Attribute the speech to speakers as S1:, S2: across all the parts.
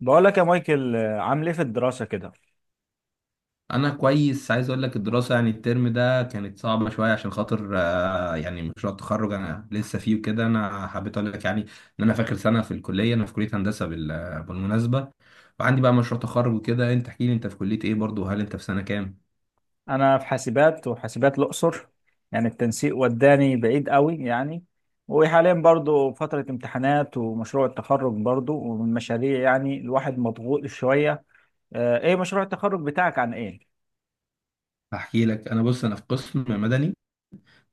S1: بقول لك يا مايكل، عامل ايه في الدراسة كده؟
S2: انا كويس. عايز اقول لك الدراسه يعني الترم ده كانت صعبه شويه عشان خاطر يعني مشروع التخرج انا لسه فيه وكده. انا حبيت اقول لك يعني ان انا فاكر سنه في الكليه. انا في كليه هندسه بالمناسبه، وعندي بقى مشروع تخرج وكده. انت احكي لي، انت في كليه ايه برضو؟ وهل انت في سنه كام؟
S1: أنا في حاسبات، وحاسبات الأقصر يعني التنسيق وداني بعيد قوي يعني. وحاليا برضو فترة امتحانات ومشروع التخرج برضو، ومن مشاريع يعني الواحد مضغوط شوية. ايه مشروع التخرج بتاعك عن ايه؟
S2: هحكي لك. انا بص، انا في قسم مدني.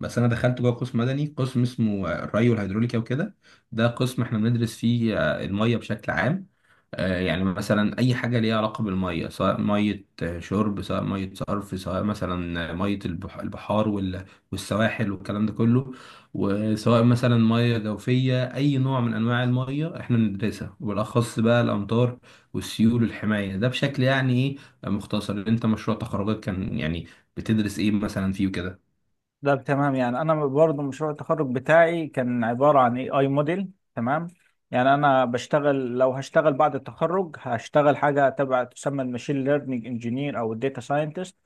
S2: بس انا دخلت جوه قسم مدني، قسم اسمه الري والهيدروليكا وكده. ده قسم احنا بندرس فيه الميه بشكل عام. يعني مثلا اي حاجه ليها علاقه بالميه، سواء ميه شرب، سواء ميه صرف، سواء مثلا ميه البحار والسواحل والكلام ده كله. وسواء مثلا ميه جوفيه، اي نوع من انواع الميه احنا بندرسها، وبالاخص بقى الامطار والسيول والحمايه. ده بشكل يعني ايه، مختصر. انت مشروع تخرجك كان يعني بتدرس ايه مثلا فيه وكده؟
S1: ده تمام. يعني أنا برضو مشروع التخرج بتاعي كان عبارة عن اي اي موديل، تمام. يعني أنا بشتغل، لو هشتغل بعد التخرج هشتغل حاجة تبع تسمى الماشين ليرنينج انجينير أو الداتا ساينتست.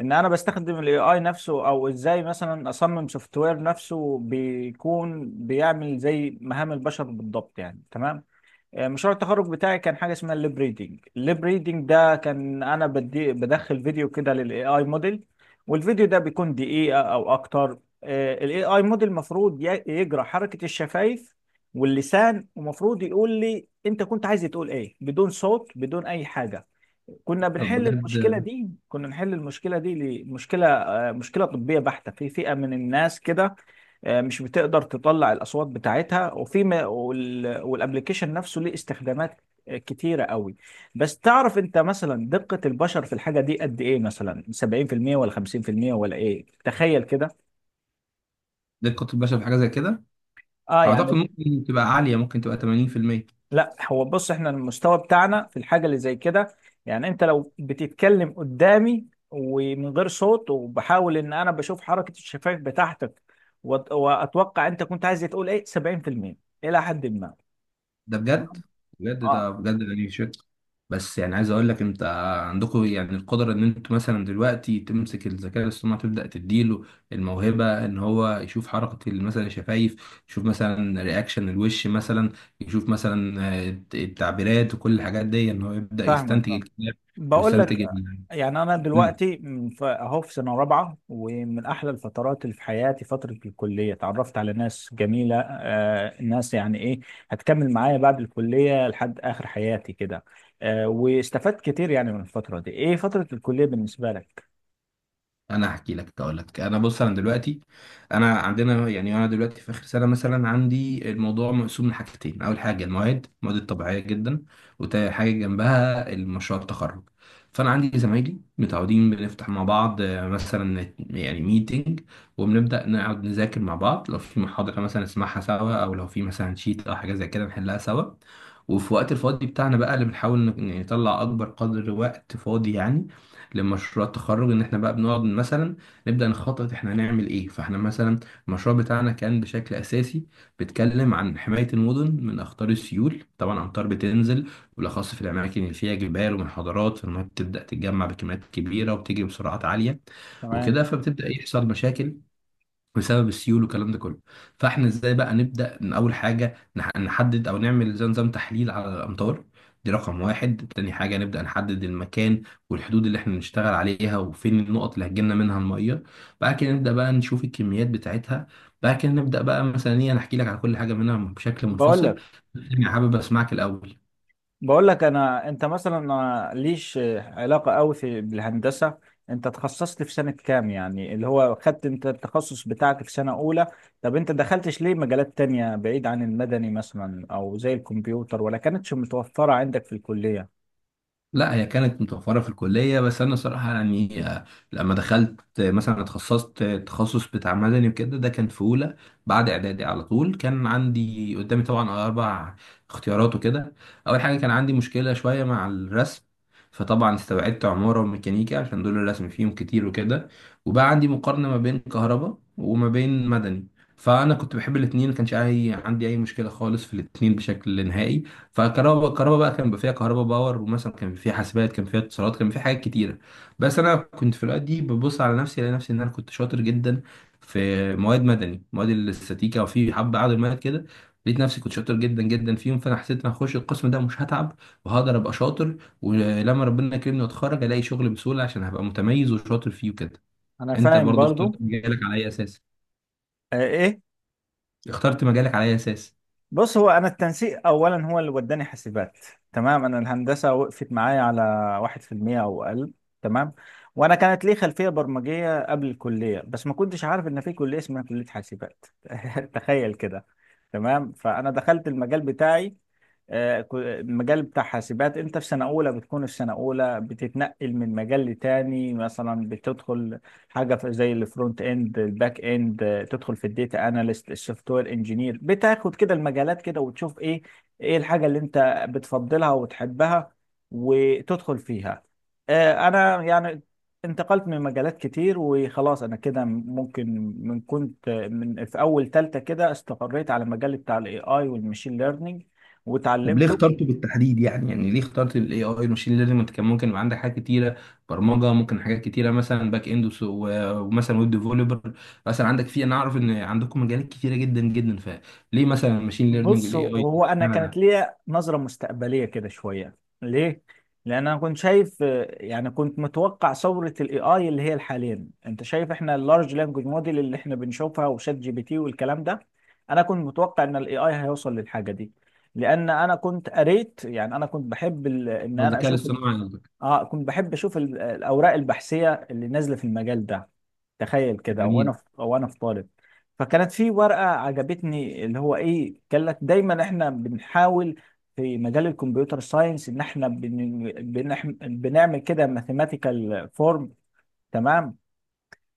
S1: ان انا بستخدم الاي اي نفسه، او ازاي مثلا اصمم سوفت وير نفسه بيكون بيعمل زي مهام البشر بالضبط يعني، تمام. مشروع التخرج بتاعي كان حاجه اسمها الليب ريدنج. الليب ريدنج ده كان انا بدي بدخل فيديو كده للاي اي موديل، والفيديو ده بيكون دقيقه او اكتر. الاي اي موديل المفروض يجرى حركه الشفايف واللسان، ومفروض يقول لي انت كنت عايز تقول ايه بدون صوت، بدون اي حاجه. كنا
S2: طب
S1: بنحل المشكله
S2: بجد؟
S1: دي، كنا نحل المشكله دي ليه؟ مشكله طبيه بحته في فئه من الناس كده. مش بتقدر تطلع الاصوات بتاعتها. وفي ما- وال- والابليكيشن نفسه ليه استخدامات كتيره قوي. بس تعرف انت مثلا دقه البشر في الحاجه دي قد ايه؟ مثلا 70% ولا 50% ولا ايه؟ تخيل كده.
S2: زي القطب البشري في حاجه زي كده؟
S1: اه،
S2: اعتقد
S1: يعني
S2: ممكن تبقى عاليه، ممكن تبقى 80%.
S1: لا، هو بص، احنا المستوى بتاعنا في الحاجة اللي زي كده، يعني انت لو بتتكلم قدامي ومن غير صوت، وبحاول ان انا بشوف حركة الشفايف بتاعتك واتوقع انت كنت عايز تقول ايه، 70% الى حد ما.
S2: ده بجد.
S1: تمام.
S2: بجد
S1: اه،
S2: ده بجد ده نيشت. بس يعني عايز اقول لك انت، عندكم يعني القدره ان انتوا مثلا دلوقتي تمسك الذكاء الاصطناعي تبدا تديله الموهبه ان هو يشوف حركه مثلا الشفايف، يشوف مثلا رياكشن الوش، مثلا يشوف مثلا التعبيرات وكل الحاجات دي، ان هو يبدا
S1: فاهمك،
S2: يستنتج
S1: فاهم.
S2: الكلام
S1: بقول لك،
S2: ويستنتج
S1: يعني انا
S2: قول لي.
S1: دلوقتي اهو في سنه رابعه، ومن احلى الفترات اللي في حياتي فتره الكليه، اتعرفت على ناس جميله، ناس يعني ايه، هتكمل معايا بعد الكليه لحد اخر حياتي كده. واستفدت كتير يعني من الفتره دي. ايه فتره الكليه بالنسبه لك؟
S2: انا هحكي لك. اقول لك، انا بص انا دلوقتي، انا عندنا يعني انا دلوقتي في اخر سنه. مثلا عندي الموضوع مقسوم لحاجتين: اول حاجه المواد، الطبيعيه جدا، وتاني حاجه جنبها المشروع التخرج. فانا عندي زمايلي متعودين بنفتح مع بعض مثلا يعني ميتنج، وبنبدا نقعد نذاكر مع بعض. لو في محاضره مثلا نسمعها سوا، او لو في مثلا شيت او حاجه زي كده نحلها سوا. وفي وقت الفاضي بتاعنا بقى، اللي بنحاول يعني نطلع اكبر قدر وقت فاضي يعني لمشروع التخرج، ان احنا بقى بنقعد مثلا نبدأ نخطط احنا هنعمل ايه. فاحنا مثلا المشروع بتاعنا كان بشكل اساسي بيتكلم عن حماية المدن من اخطار السيول. طبعا امطار بتنزل بالاخص في الاماكن اللي فيها جبال ومنحدرات، فالمية بتبدأ تتجمع بكميات كبيرة وبتجري بسرعات عالية
S1: تمام.
S2: وكده. فبتبدأ يحصل مشاكل بسبب السيول والكلام ده كله. فاحنا ازاي بقى نبدا؟ ان اول حاجه نحدد او نعمل زي نظام تحليل على الامطار، دي رقم واحد. تاني حاجه نبدا نحدد المكان والحدود اللي احنا نشتغل عليها، وفين النقط اللي هتجيلنا منها الميه. بعد كده نبدا بقى نشوف الكميات بتاعتها. بعد كده نبدا بقى مثلا ايه. انا احكي لك على كل حاجه منها بشكل
S1: بقول
S2: منفصل،
S1: لك
S2: بس انا حابب اسمعك الاول.
S1: بقول لك انا، انت مثلا ما ليش علاقه قوي بالهندسه. انت تخصصت في سنه كام؟ يعني اللي هو خدت انت التخصص بتاعك في سنه اولى؟ طب انت دخلتش ليه مجالات تانية بعيد عن المدني، مثلا او زي الكمبيوتر، ولا كانتش متوفره عندك في الكليه؟
S2: لا، هي كانت متوفرة في الكلية، بس أنا صراحة يعني لما دخلت مثلا اتخصصت التخصص بتاع مدني وكده، ده كان في أولى بعد إعدادي على طول. كان عندي قدامي طبعا أربع اختيارات وكده. أول حاجة كان عندي مشكلة شوية مع الرسم، فطبعا استبعدت عمارة وميكانيكا عشان دول الرسم فيهم كتير وكده. وبقى عندي مقارنة ما بين كهرباء وما بين مدني. فأنا كنت بحب الاتنين، ما كانش عندي أي مشكلة خالص في الاتنين بشكل نهائي. فكهرباء بقى كان بيبقى فيها كهرباء باور، ومثلا كان فيها حاسبات، كان فيها اتصالات، كان فيها حاجات كتيره. بس انا كنت في الاوقات دي ببص على نفسي الاقي نفسي ان انا كنت شاطر جدا في مواد مدني، مواد الاستاتيكا، وفي حبه عدد مواد كده لقيت نفسي كنت شاطر جدا جدا فيهم. فانا حسيت ان هخش القسم ده مش هتعب، وهقدر ابقى شاطر، ولما ربنا يكرمني واتخرج الاقي شغل بسهوله عشان هبقى متميز وشاطر فيه وكده.
S1: انا
S2: انت
S1: فاهم
S2: برضو اخترت
S1: برضو.
S2: مجالك على اي اساس؟
S1: آه، ايه؟
S2: اخترت مجالك على اي اساس؟
S1: بص، هو انا التنسيق اولا هو اللي وداني حاسبات، تمام. انا الهندسه وقفت معايا على واحد في المية او اقل، تمام. وانا كانت لي خلفيه برمجيه قبل الكليه، بس ما كنتش عارف ان في كليه اسمها كليه حاسبات. تخيل كده. تمام. فانا دخلت المجال بتاعي. المجال بتاع حاسبات، انت في سنة اولى بتكون في سنة اولى بتتنقل من مجال لتاني. مثلا بتدخل حاجة زي الفرونت اند، الباك اند، تدخل في الديتا اناليست، السوفت وير انجينير. بتاخد كده المجالات كده وتشوف ايه الحاجة اللي انت بتفضلها وتحبها وتدخل فيها. انا يعني انتقلت من مجالات كتير، وخلاص انا كده ممكن من في اول تالتة كده استقريت على مجال بتاع الاي اي والماشين ليرنينج
S2: طب ليه
S1: وتعلمته.
S2: اخترته بالتحديد؟ يعني ليه اخترت الاي اي الماشين ليرنينج؟ انت كان ممكن يبقى عندك حاجات كتيره، برمجه، ممكن حاجات كتيره مثلا باك اند ومثلا ويب ديفلوبر، مثلا عندك في. انا اعرف ان عندكم مجالات كتيره جدا جدا، فليه مثلا الماشين ليرنينج
S1: بص،
S2: والاي اي؟
S1: هو انا
S2: اشمعنى
S1: كانت
S2: ده؟
S1: ليا نظره مستقبليه كده شويه. ليه؟ لان انا كنت شايف، يعني كنت متوقع ثوره الاي اي اللي هي الحاليا انت شايف احنا اللارج لانجوج موديل اللي احنا بنشوفها، وشات جي بي تي، والكلام ده. انا كنت متوقع ان الاي اي هيوصل للحاجه دي، لان انا كنت قريت. يعني انا كنت بحب ان
S2: هو
S1: انا
S2: الذكاء
S1: اشوف،
S2: الاصطناعي قصدك؟
S1: اه كنت بحب اشوف الاوراق البحثيه اللي نازله في المجال ده. تخيل كده،
S2: جميل.
S1: وانا في طالب. فكانت في ورقه عجبتني، اللي هو ايه، قال لك دايما احنا بنحاول في مجال الكمبيوتر ساينس ان احنا بنعمل كده ماثيماتيكال فورم، تمام.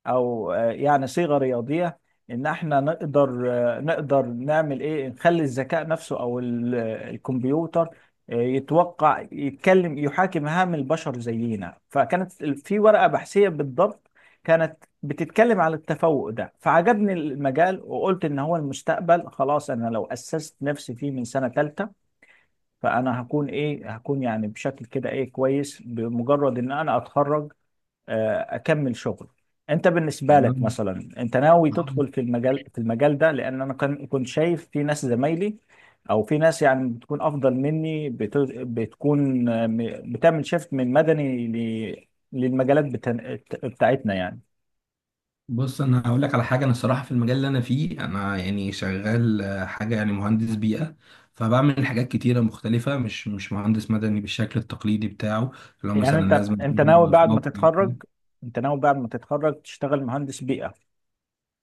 S1: او يعني صيغه رياضيه، ان احنا نقدر نعمل ايه، نخلي الذكاء نفسه او الكمبيوتر يتوقع، يتكلم، يحاكي مهام البشر زينا. فكانت في ورقه بحثيه بالضبط كانت بتتكلم على التفوق ده، فعجبني المجال وقلت ان هو المستقبل. خلاص، انا لو اسست نفسي فيه من سنه ثالثه فانا هكون يعني بشكل كده ايه، كويس بمجرد ان انا اتخرج اكمل شغل. انت بالنسبه لك
S2: يعني
S1: مثلا انت ناوي تدخل في المجال ده؟ لان انا كنت شايف في ناس زمايلي، او في ناس يعني بتكون افضل مني، بتكون، بتعمل شيفت من مدني ل- للمجالات بتاعتنا يعني.
S2: بص انا هقول لك على حاجه، انا الصراحه في المجال اللي انا فيه انا يعني شغال حاجه يعني مهندس بيئه. فبعمل حاجات كتيره مختلفه، مش مهندس مدني بالشكل التقليدي بتاعه، اللي هو
S1: يعني
S2: مثلا
S1: انت
S2: لازم
S1: انت ناوي
S2: يبقى في
S1: بعد ما
S2: موقع.
S1: تتخرج انت ناوي بعد ما تتخرج تشتغل مهندس بيئه،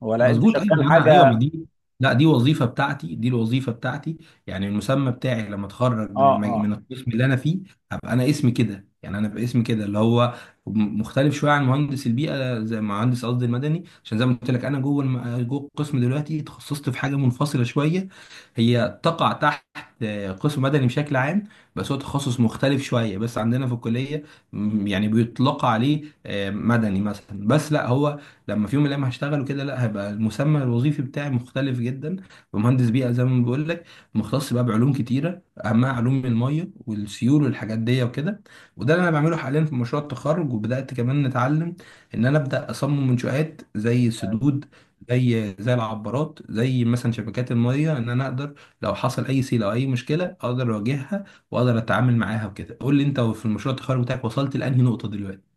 S1: ولا انت
S2: مظبوط، ايوه.
S1: شغال
S2: ما انا ايوه، ما
S1: حاجه؟
S2: دي لا دي وظيفه بتاعتي، دي الوظيفه بتاعتي. يعني المسمى بتاعي لما اتخرج من
S1: اه،
S2: من القسم اللي انا فيه هبقى انا اسمي كده. يعني انا باسمي كده اللي هو مختلف شويه عن مهندس البيئه، زي مهندس قصدي المدني. عشان زي ما قلت لك انا جوه جوه القسم دلوقتي تخصصت في حاجه منفصله شويه، هي تقع تحت قسم مدني بشكل عام، بس هو تخصص مختلف شويه. بس عندنا في الكليه يعني بيطلق عليه مدني مثلا، بس لا هو لما في يوم من الايام هشتغل وكده لا هيبقى المسمى الوظيفي بتاعي مختلف جدا. ومهندس بيئه، زي ما بقول لك، مختص بقى بعلوم كتيره، اهمها علوم الميه والسيول والحاجات دي وكده. وده اللي انا بعمله حاليا في مشروع التخرج. وبدات كمان نتعلم ان انا ابدا اصمم منشآت زي
S1: اه.
S2: السدود، زي العبارات، زي مثلا شبكات الميه، ان انا اقدر لو حصل اي سيل او اي مشكله اقدر اواجهها واقدر اتعامل معاها وكده. قول لي انت، في المشروع التخرج بتاعك وصلت لانهي نقطه دلوقتي؟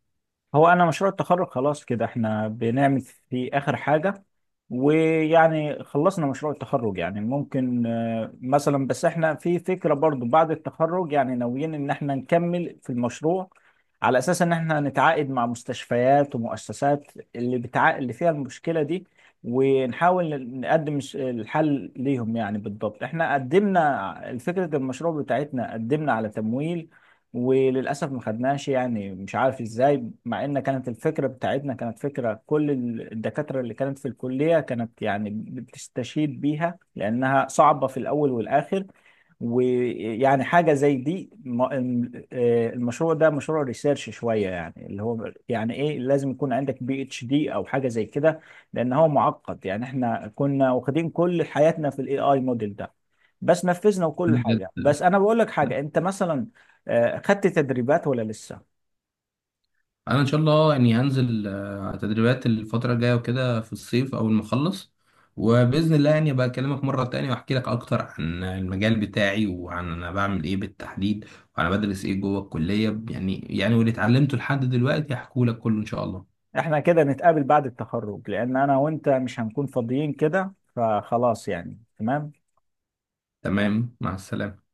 S1: هو انا مشروع التخرج خلاص كده احنا بنعمل في اخر حاجة، ويعني خلصنا مشروع التخرج. يعني ممكن مثلا، بس احنا في فكرة برضو بعد التخرج يعني، ناويين ان احنا نكمل في المشروع على اساس ان احنا نتعاقد مع مستشفيات ومؤسسات اللي اللي فيها المشكلة دي، ونحاول نقدم الحل ليهم. يعني بالضبط احنا قدمنا فكرة المشروع بتاعتنا، قدمنا على تمويل وللاسف ما خدناش، يعني مش عارف ازاي، مع ان كانت الفكره بتاعتنا كانت فكره كل الدكاتره اللي كانت في الكليه كانت يعني بتستشهد بيها، لانها صعبه في الاول والاخر. ويعني حاجه زي دي، المشروع ده مشروع ريسيرش شويه، يعني اللي هو يعني ايه، لازم يكون عندك بي اتش دي او حاجه زي كده، لان هو معقد. يعني احنا كنا واخدين كل حياتنا في الاي اي موديل ده، بس نفذنا وكل حاجه.
S2: بجد؟
S1: بس انا بقول لك حاجه، انت مثلا خدت تدريبات ولا لسه؟
S2: انا ان شاء الله يعني هنزل تدريبات الفتره الجايه وكده في الصيف اول ما اخلص. وباذن الله يعني ابقى اكلمك مره تانية واحكي لك اكتر عن المجال بتاعي وعن انا بعمل ايه بالتحديد وانا بدرس ايه جوه الكليه. يعني واللي اتعلمته لحد دلوقتي هحكوا لك كله ان شاء الله.
S1: احنا كده نتقابل بعد التخرج، لان انا وانت مش هنكون فاضيين كده، فخلاص يعني، تمام.
S2: تمام، مع السلامه.